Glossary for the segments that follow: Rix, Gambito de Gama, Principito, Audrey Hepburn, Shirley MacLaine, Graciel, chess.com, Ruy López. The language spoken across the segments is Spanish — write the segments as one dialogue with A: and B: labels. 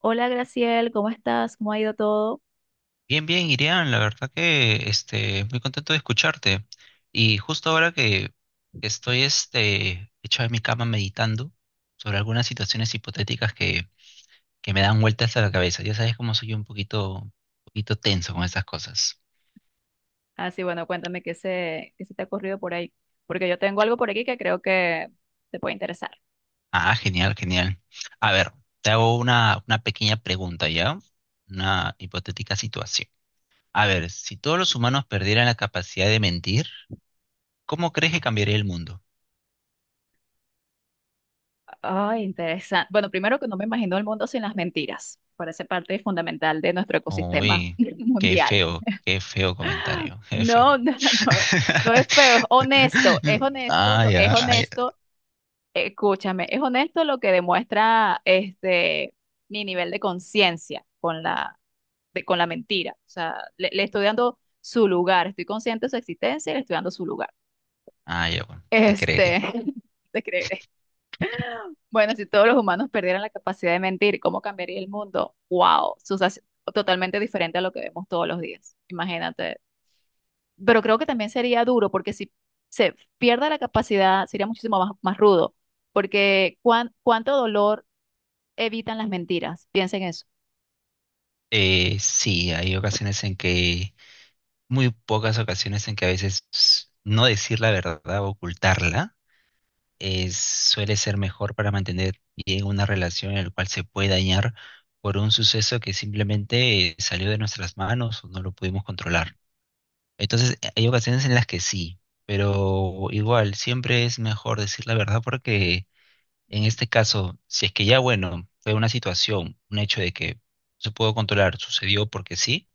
A: Hola Graciel, ¿cómo estás? ¿Cómo ha ido todo?
B: Bien, bien, Irian, la verdad que muy contento de escucharte. Y justo ahora que estoy hecho en mi cama meditando sobre algunas situaciones hipotéticas que me dan vueltas a la cabeza. Ya sabes cómo soy un poquito, poquito tenso con esas cosas.
A: Ah, sí, bueno, cuéntame qué se te ha ocurrido por ahí, porque yo tengo algo por aquí que creo que te puede interesar.
B: Ah, genial, genial. A ver, te hago una pequeña pregunta, ¿ya? Una hipotética situación. A ver, si todos los humanos perdieran la capacidad de mentir, ¿cómo crees que cambiaría el mundo?
A: Ay, interesante. Bueno, primero que no me imagino el mundo sin las mentiras. Parece parte fundamental de nuestro ecosistema
B: Uy,
A: mundial.
B: qué feo comentario, qué feo
A: No,
B: comentario.
A: no, no, es no es feo, es honesto, es honesto,
B: Ah,
A: es
B: ya, ah, ya.
A: honesto, escúchame, es honesto lo que demuestra mi nivel de conciencia con la con la mentira. O sea, le estoy dando su lugar, estoy consciente de su existencia y le estoy dando su lugar.
B: Ah, ya, bueno, te creeré.
A: Este, te creeré. Bueno, si todos los humanos perdieran la capacidad de mentir, ¿cómo cambiaría el mundo? ¡Wow! Totalmente diferente a lo que vemos todos los días. Imagínate. Pero creo que también sería duro, porque si se pierde la capacidad, sería muchísimo más rudo, porque cuánto dolor evitan las mentiras. Piensen eso.
B: Sí, hay ocasiones en que, muy pocas ocasiones en que a veces no decir la verdad o ocultarla es, suele ser mejor para mantener bien una relación en la cual se puede dañar por un suceso que simplemente salió de nuestras manos o no lo pudimos controlar. Entonces, hay ocasiones en las que sí, pero igual, siempre es mejor decir la verdad porque en este caso, si es que ya, bueno, fue una situación, un hecho de que se pudo controlar, sucedió porque sí,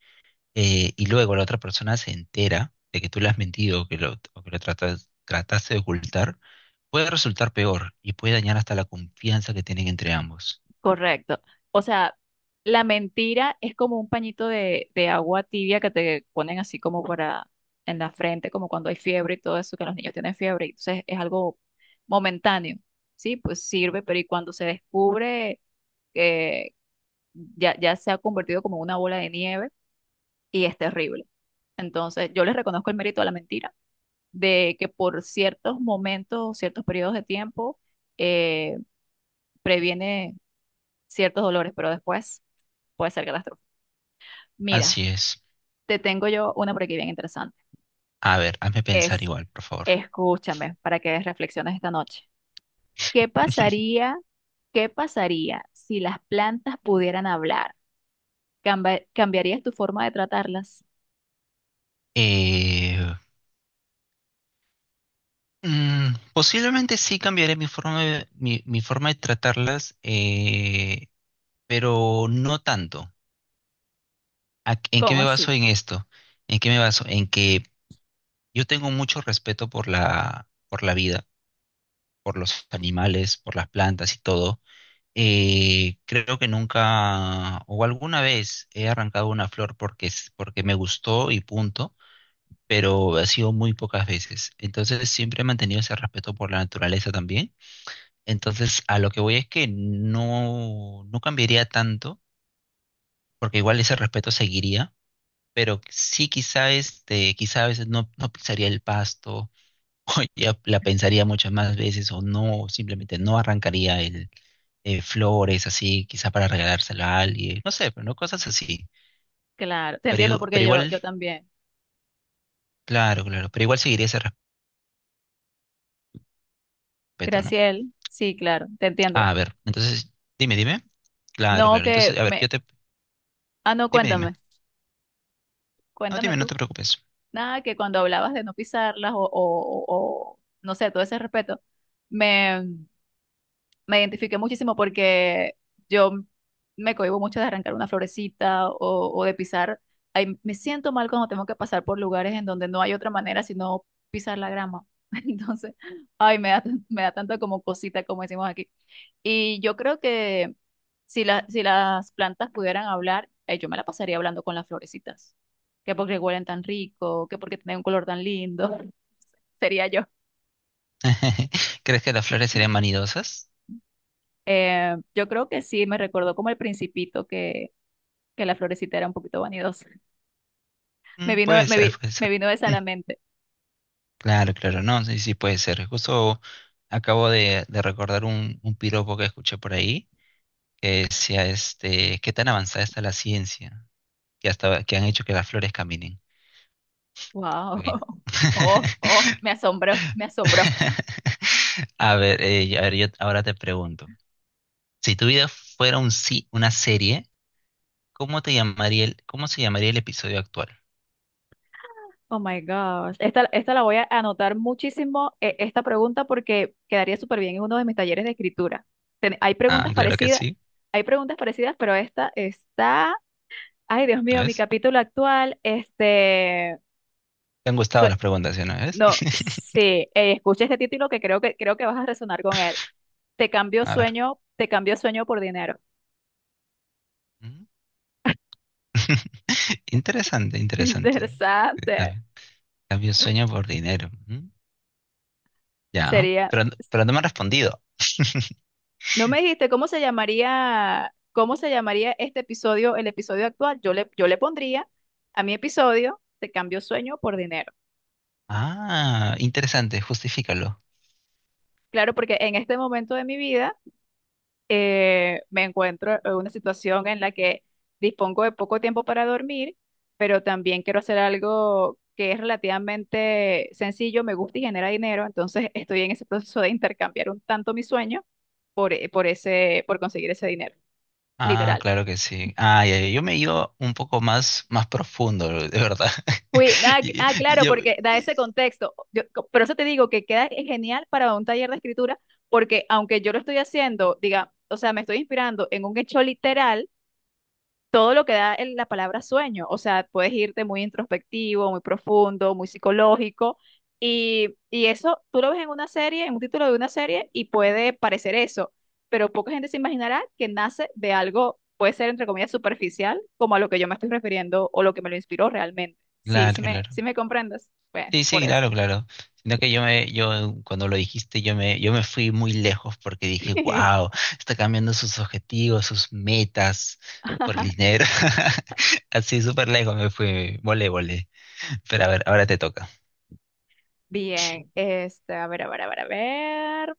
B: y luego la otra persona se entera de que tú le has mentido o que lo trataste de ocultar, puede resultar peor y puede dañar hasta la confianza que tienen entre ambos.
A: Correcto. O sea, la mentira es como un pañito de agua tibia que te ponen así como para en la frente, como cuando hay fiebre y todo eso, que los niños tienen fiebre. Y entonces es algo momentáneo, ¿sí? Pues sirve, pero y cuando se descubre que ya se ha convertido como en una bola de nieve y es terrible. Entonces yo les reconozco el mérito a la mentira, de que por ciertos momentos, ciertos periodos de tiempo, eh, previene ciertos dolores, pero después puede ser catastrófico. Mira,
B: Así es.
A: te tengo yo una por aquí bien interesante.
B: A ver, hazme pensar
A: Es,
B: igual, por favor.
A: escúchame para que reflexiones esta noche. ¿Qué pasaría, qué pasaría si las plantas pudieran hablar? ¿Cambiarías tu forma de tratarlas?
B: Eh, Posiblemente sí cambiaré mi forma de, mi forma de tratarlas, pero no tanto. ¿En qué
A: ¿Cómo
B: me baso
A: así?
B: en esto? ¿En qué me baso? En que yo tengo mucho respeto por por la vida, por los animales, por las plantas y todo. Creo que nunca o alguna vez he arrancado una flor porque, porque me gustó y punto, pero ha sido muy pocas veces. Entonces siempre he mantenido ese respeto por la naturaleza también. Entonces, a lo que voy es que no cambiaría tanto, porque igual ese respeto seguiría, pero sí quizá quizá a veces no pisaría el pasto, ya la pensaría muchas más veces, o no, simplemente no arrancaría el flores así, quizá para regalárselo a alguien, no sé, pero no cosas así.
A: Claro, te
B: Pero,
A: entiendo
B: pero
A: porque
B: igual,
A: yo también.
B: claro, claro, pero igual seguiría ese respeto, ¿no?
A: Graciel, sí, claro, te entiendo.
B: Ah, a ver, entonces, dime, dime. Claro,
A: No
B: claro.
A: que
B: Entonces, a ver,
A: me... Ah, no,
B: dime, dime.
A: cuéntame.
B: No,
A: Cuéntame
B: dime, no
A: tú.
B: te preocupes.
A: Nada, que cuando hablabas de no pisarlas o, no sé, todo ese respeto, me, me identifiqué muchísimo porque yo me cohíbo mucho de arrancar una florecita o de pisar. Ay, me siento mal cuando tengo que pasar por lugares en donde no hay otra manera sino pisar la grama. Entonces, ay, me da tanto como cosita, como decimos aquí. Y yo creo que si las plantas pudieran hablar, yo me la pasaría hablando con las florecitas. Que porque huelen tan rico, que porque tienen un color tan lindo, sería yo.
B: ¿Crees que las flores serían vanidosas?
A: Yo creo que sí, me recordó como el Principito que la florecita era un poquito vanidosa.
B: Puede ser, puede
A: Me
B: ser.
A: vino esa a
B: Mm,
A: la mente.
B: Claro, claro, no, sí, sí, puede ser. Justo acabo de recordar un piropo que escuché por ahí que decía, qué tan avanzada está la ciencia, que hasta que han hecho que las flores caminen.
A: Wow.
B: Bueno.
A: Oh, oh, me asombró, me asombró.
B: A ver, yo ahora te pregunto, si tu vida fuera una serie, cómo se llamaría el episodio actual?
A: Oh my gosh. Esta la voy a anotar muchísimo, esta pregunta, porque quedaría súper bien en uno de mis talleres de escritura. Ten- hay
B: Ah,
A: preguntas
B: claro que
A: parecidas,
B: sí.
A: hay preguntas parecidas, pero esta está. Ay, Dios mío,
B: ¿no
A: mi capítulo actual.
B: ¿Te han gustado las
A: sue-
B: preguntas? ¿Sí? ¿No ves?
A: no, sí, escucha este título que creo que vas a resonar con él. Te cambio
B: A ver.
A: sueño, te cambio sueño por dinero.
B: Mm. Interesante, interesante.
A: Interesante.
B: Cambio, cambio sueño por dinero. Mm. Ya,
A: Sería.
B: pero, no me han respondido.
A: No me dijiste cómo se llamaría este episodio, el episodio actual. Yo le pondría a mi episodio, te cambio sueño por dinero.
B: Ah, interesante, justifícalo.
A: Claro, porque en este momento de mi vida me encuentro en una situación en la que dispongo de poco tiempo para dormir, pero también quiero hacer algo que es relativamente sencillo, me gusta y genera dinero. Entonces estoy en ese proceso de intercambiar un tanto mi sueño por conseguir ese dinero.
B: Ah,
A: Literal.
B: claro que sí. Ah, ya, ya, yo me iba un poco más, más profundo, de verdad.
A: Ah,
B: Y-
A: ah, claro,
B: Yo,
A: porque da ese contexto. Por eso te digo que queda genial para un taller de escritura, porque aunque yo lo estoy haciendo, diga, o sea, me estoy inspirando en un hecho literal, todo lo que da la palabra sueño. O sea, puedes irte muy introspectivo, muy profundo, muy psicológico. Y eso tú lo ves en una serie, en un título de una serie, y puede parecer eso. Pero poca gente se imaginará que nace de algo, puede ser entre comillas superficial, como a lo que yo me estoy refiriendo o lo que me lo inspiró realmente. Sí,
B: claro,
A: sí me,
B: claro.
A: sí me comprendes. Bueno,
B: Sí,
A: por
B: sí,
A: eso.
B: claro, claro. Sino que yo cuando lo dijiste, yo me fui muy lejos porque dije, wow, está cambiando sus objetivos, sus metas por el dinero. Así súper lejos me fui, volé, volé. Pero a ver, ahora te toca.
A: Bien, este, a ver, a ver, a ver, a ver.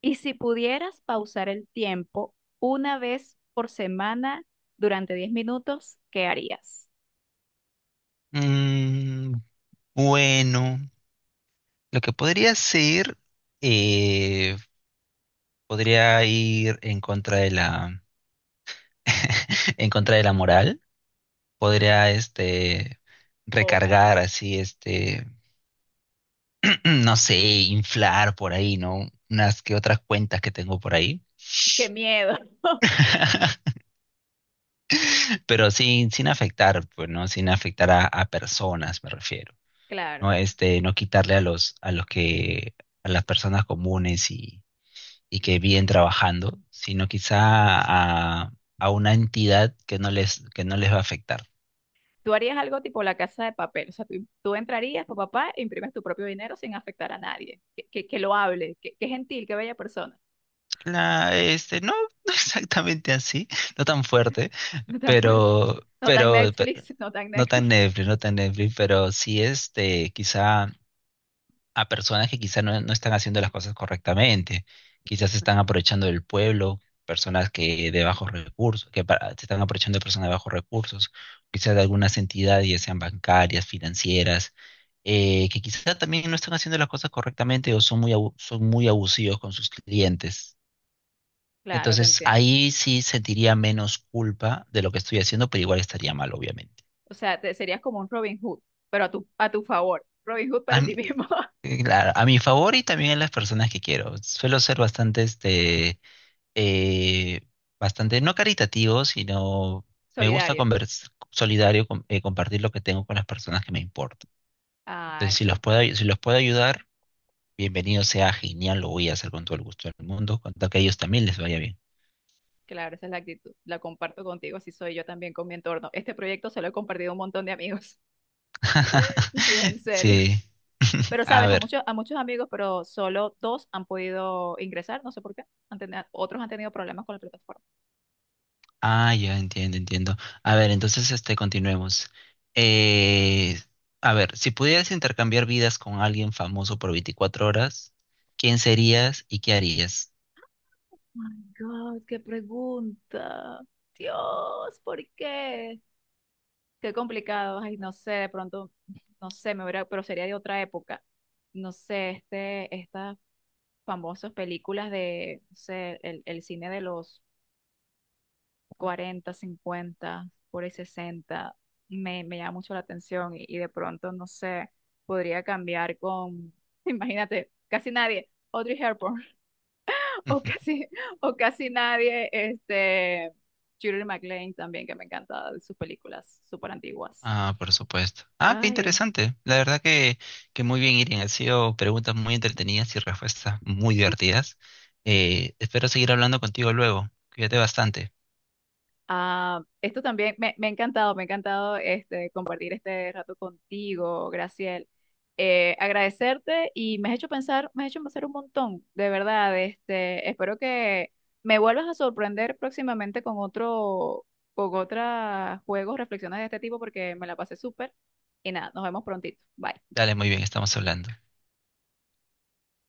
A: Y si pudieras pausar el tiempo una vez por semana durante 10 minutos, ¿qué harías?
B: Mm, bueno, lo que podría ser, eh, podría ir en contra de la moral. Podría,
A: Oh my,
B: recargar así. No sé, inflar por ahí, ¿no? Unas que otras cuentas que tengo por ahí.
A: qué miedo.
B: Pero sin afectar, pues, ¿no? Sin afectar a personas, me refiero.
A: Claro.
B: No, no quitarle a los que, a las personas comunes y que viven trabajando, sino quizá a, a una entidad que no les va a afectar.
A: Tú harías algo tipo la casa de papel. O sea, tú entrarías, papá, papá, e imprimes tu propio dinero sin afectar a nadie. Que lo hable. Que gentil, qué bella persona.
B: No, no exactamente así, no tan fuerte,
A: No tan fuerte.
B: pero,
A: No tan
B: pero, pe-
A: Netflix, no tan
B: no tan
A: Netflix.
B: Netflix, no tan Netflix, pero sí quizá a personas que quizá no están haciendo las cosas correctamente, quizás se están aprovechando del pueblo, personas que de bajos recursos, se están aprovechando de personas de bajos recursos, quizás de algunas entidades, ya sean bancarias, financieras, que quizá también no están haciendo las cosas correctamente o son muy abusivos con sus clientes.
A: Claro, te
B: Entonces
A: entiendo.
B: ahí sí sentiría menos culpa de lo que estoy haciendo, pero igual estaría mal, obviamente.
A: O sea, te, serías como un Robin Hood, pero a tu favor. Robin Hood
B: A
A: para ti
B: mi,
A: mismo.
B: claro, a mi favor y también a las personas que quiero. Suelo ser eh, bastante, no caritativo, sino
A: Solidario.
B: solidario, compartir lo que tengo con las personas que me importan. Entonces,
A: Ay,
B: si los
A: súper.
B: puedo, si los puedo ayudar, bienvenido sea, genial, lo voy a hacer con todo el gusto del mundo, con tal que a ellos también les vaya bien.
A: Claro, esa es la actitud. La comparto contigo, así soy yo también con mi entorno. Este proyecto se lo he compartido a un montón de amigos. Sí, en serio.
B: Sí.
A: Pero
B: A
A: sabes, a
B: ver.
A: muchos, a muchos amigos, pero solo dos han podido ingresar, no sé por qué. Otros han tenido problemas con la plataforma.
B: Ah, ya entiendo, entiendo. A ver, entonces continuemos. Eh, a ver, si pudieras intercambiar vidas con alguien famoso por 24 horas, ¿quién serías y qué harías?
A: My God, qué pregunta. Dios, ¿por qué? Qué complicado, ay, no sé, de pronto, no sé, me hubiera, pero sería de otra época. No sé, estas famosas películas de, no sé, el cine de los 40 50 por ahí 60 me llama mucho la atención y de pronto, no sé, podría cambiar con, imagínate, casi nadie, Audrey Hepburn, o casi, o casi nadie, Shirley MacLaine también, que me encanta de sus películas súper antiguas.
B: Ah, por supuesto. Ah, qué
A: Ay.
B: interesante. La verdad que muy bien, Irene. Han sido preguntas muy entretenidas y respuestas muy divertidas. Espero seguir hablando contigo luego. Cuídate bastante.
A: Ah, esto también me ha encantado, me ha encantado compartir este rato contigo, Graciel. Agradecerte y me has hecho pensar, me has hecho pensar un montón, de verdad. Espero que me vuelvas a sorprender próximamente con otros juegos, reflexiones de este tipo, porque me la pasé súper. Y nada, nos vemos prontito. Bye.
B: Dale, muy bien, estamos hablando.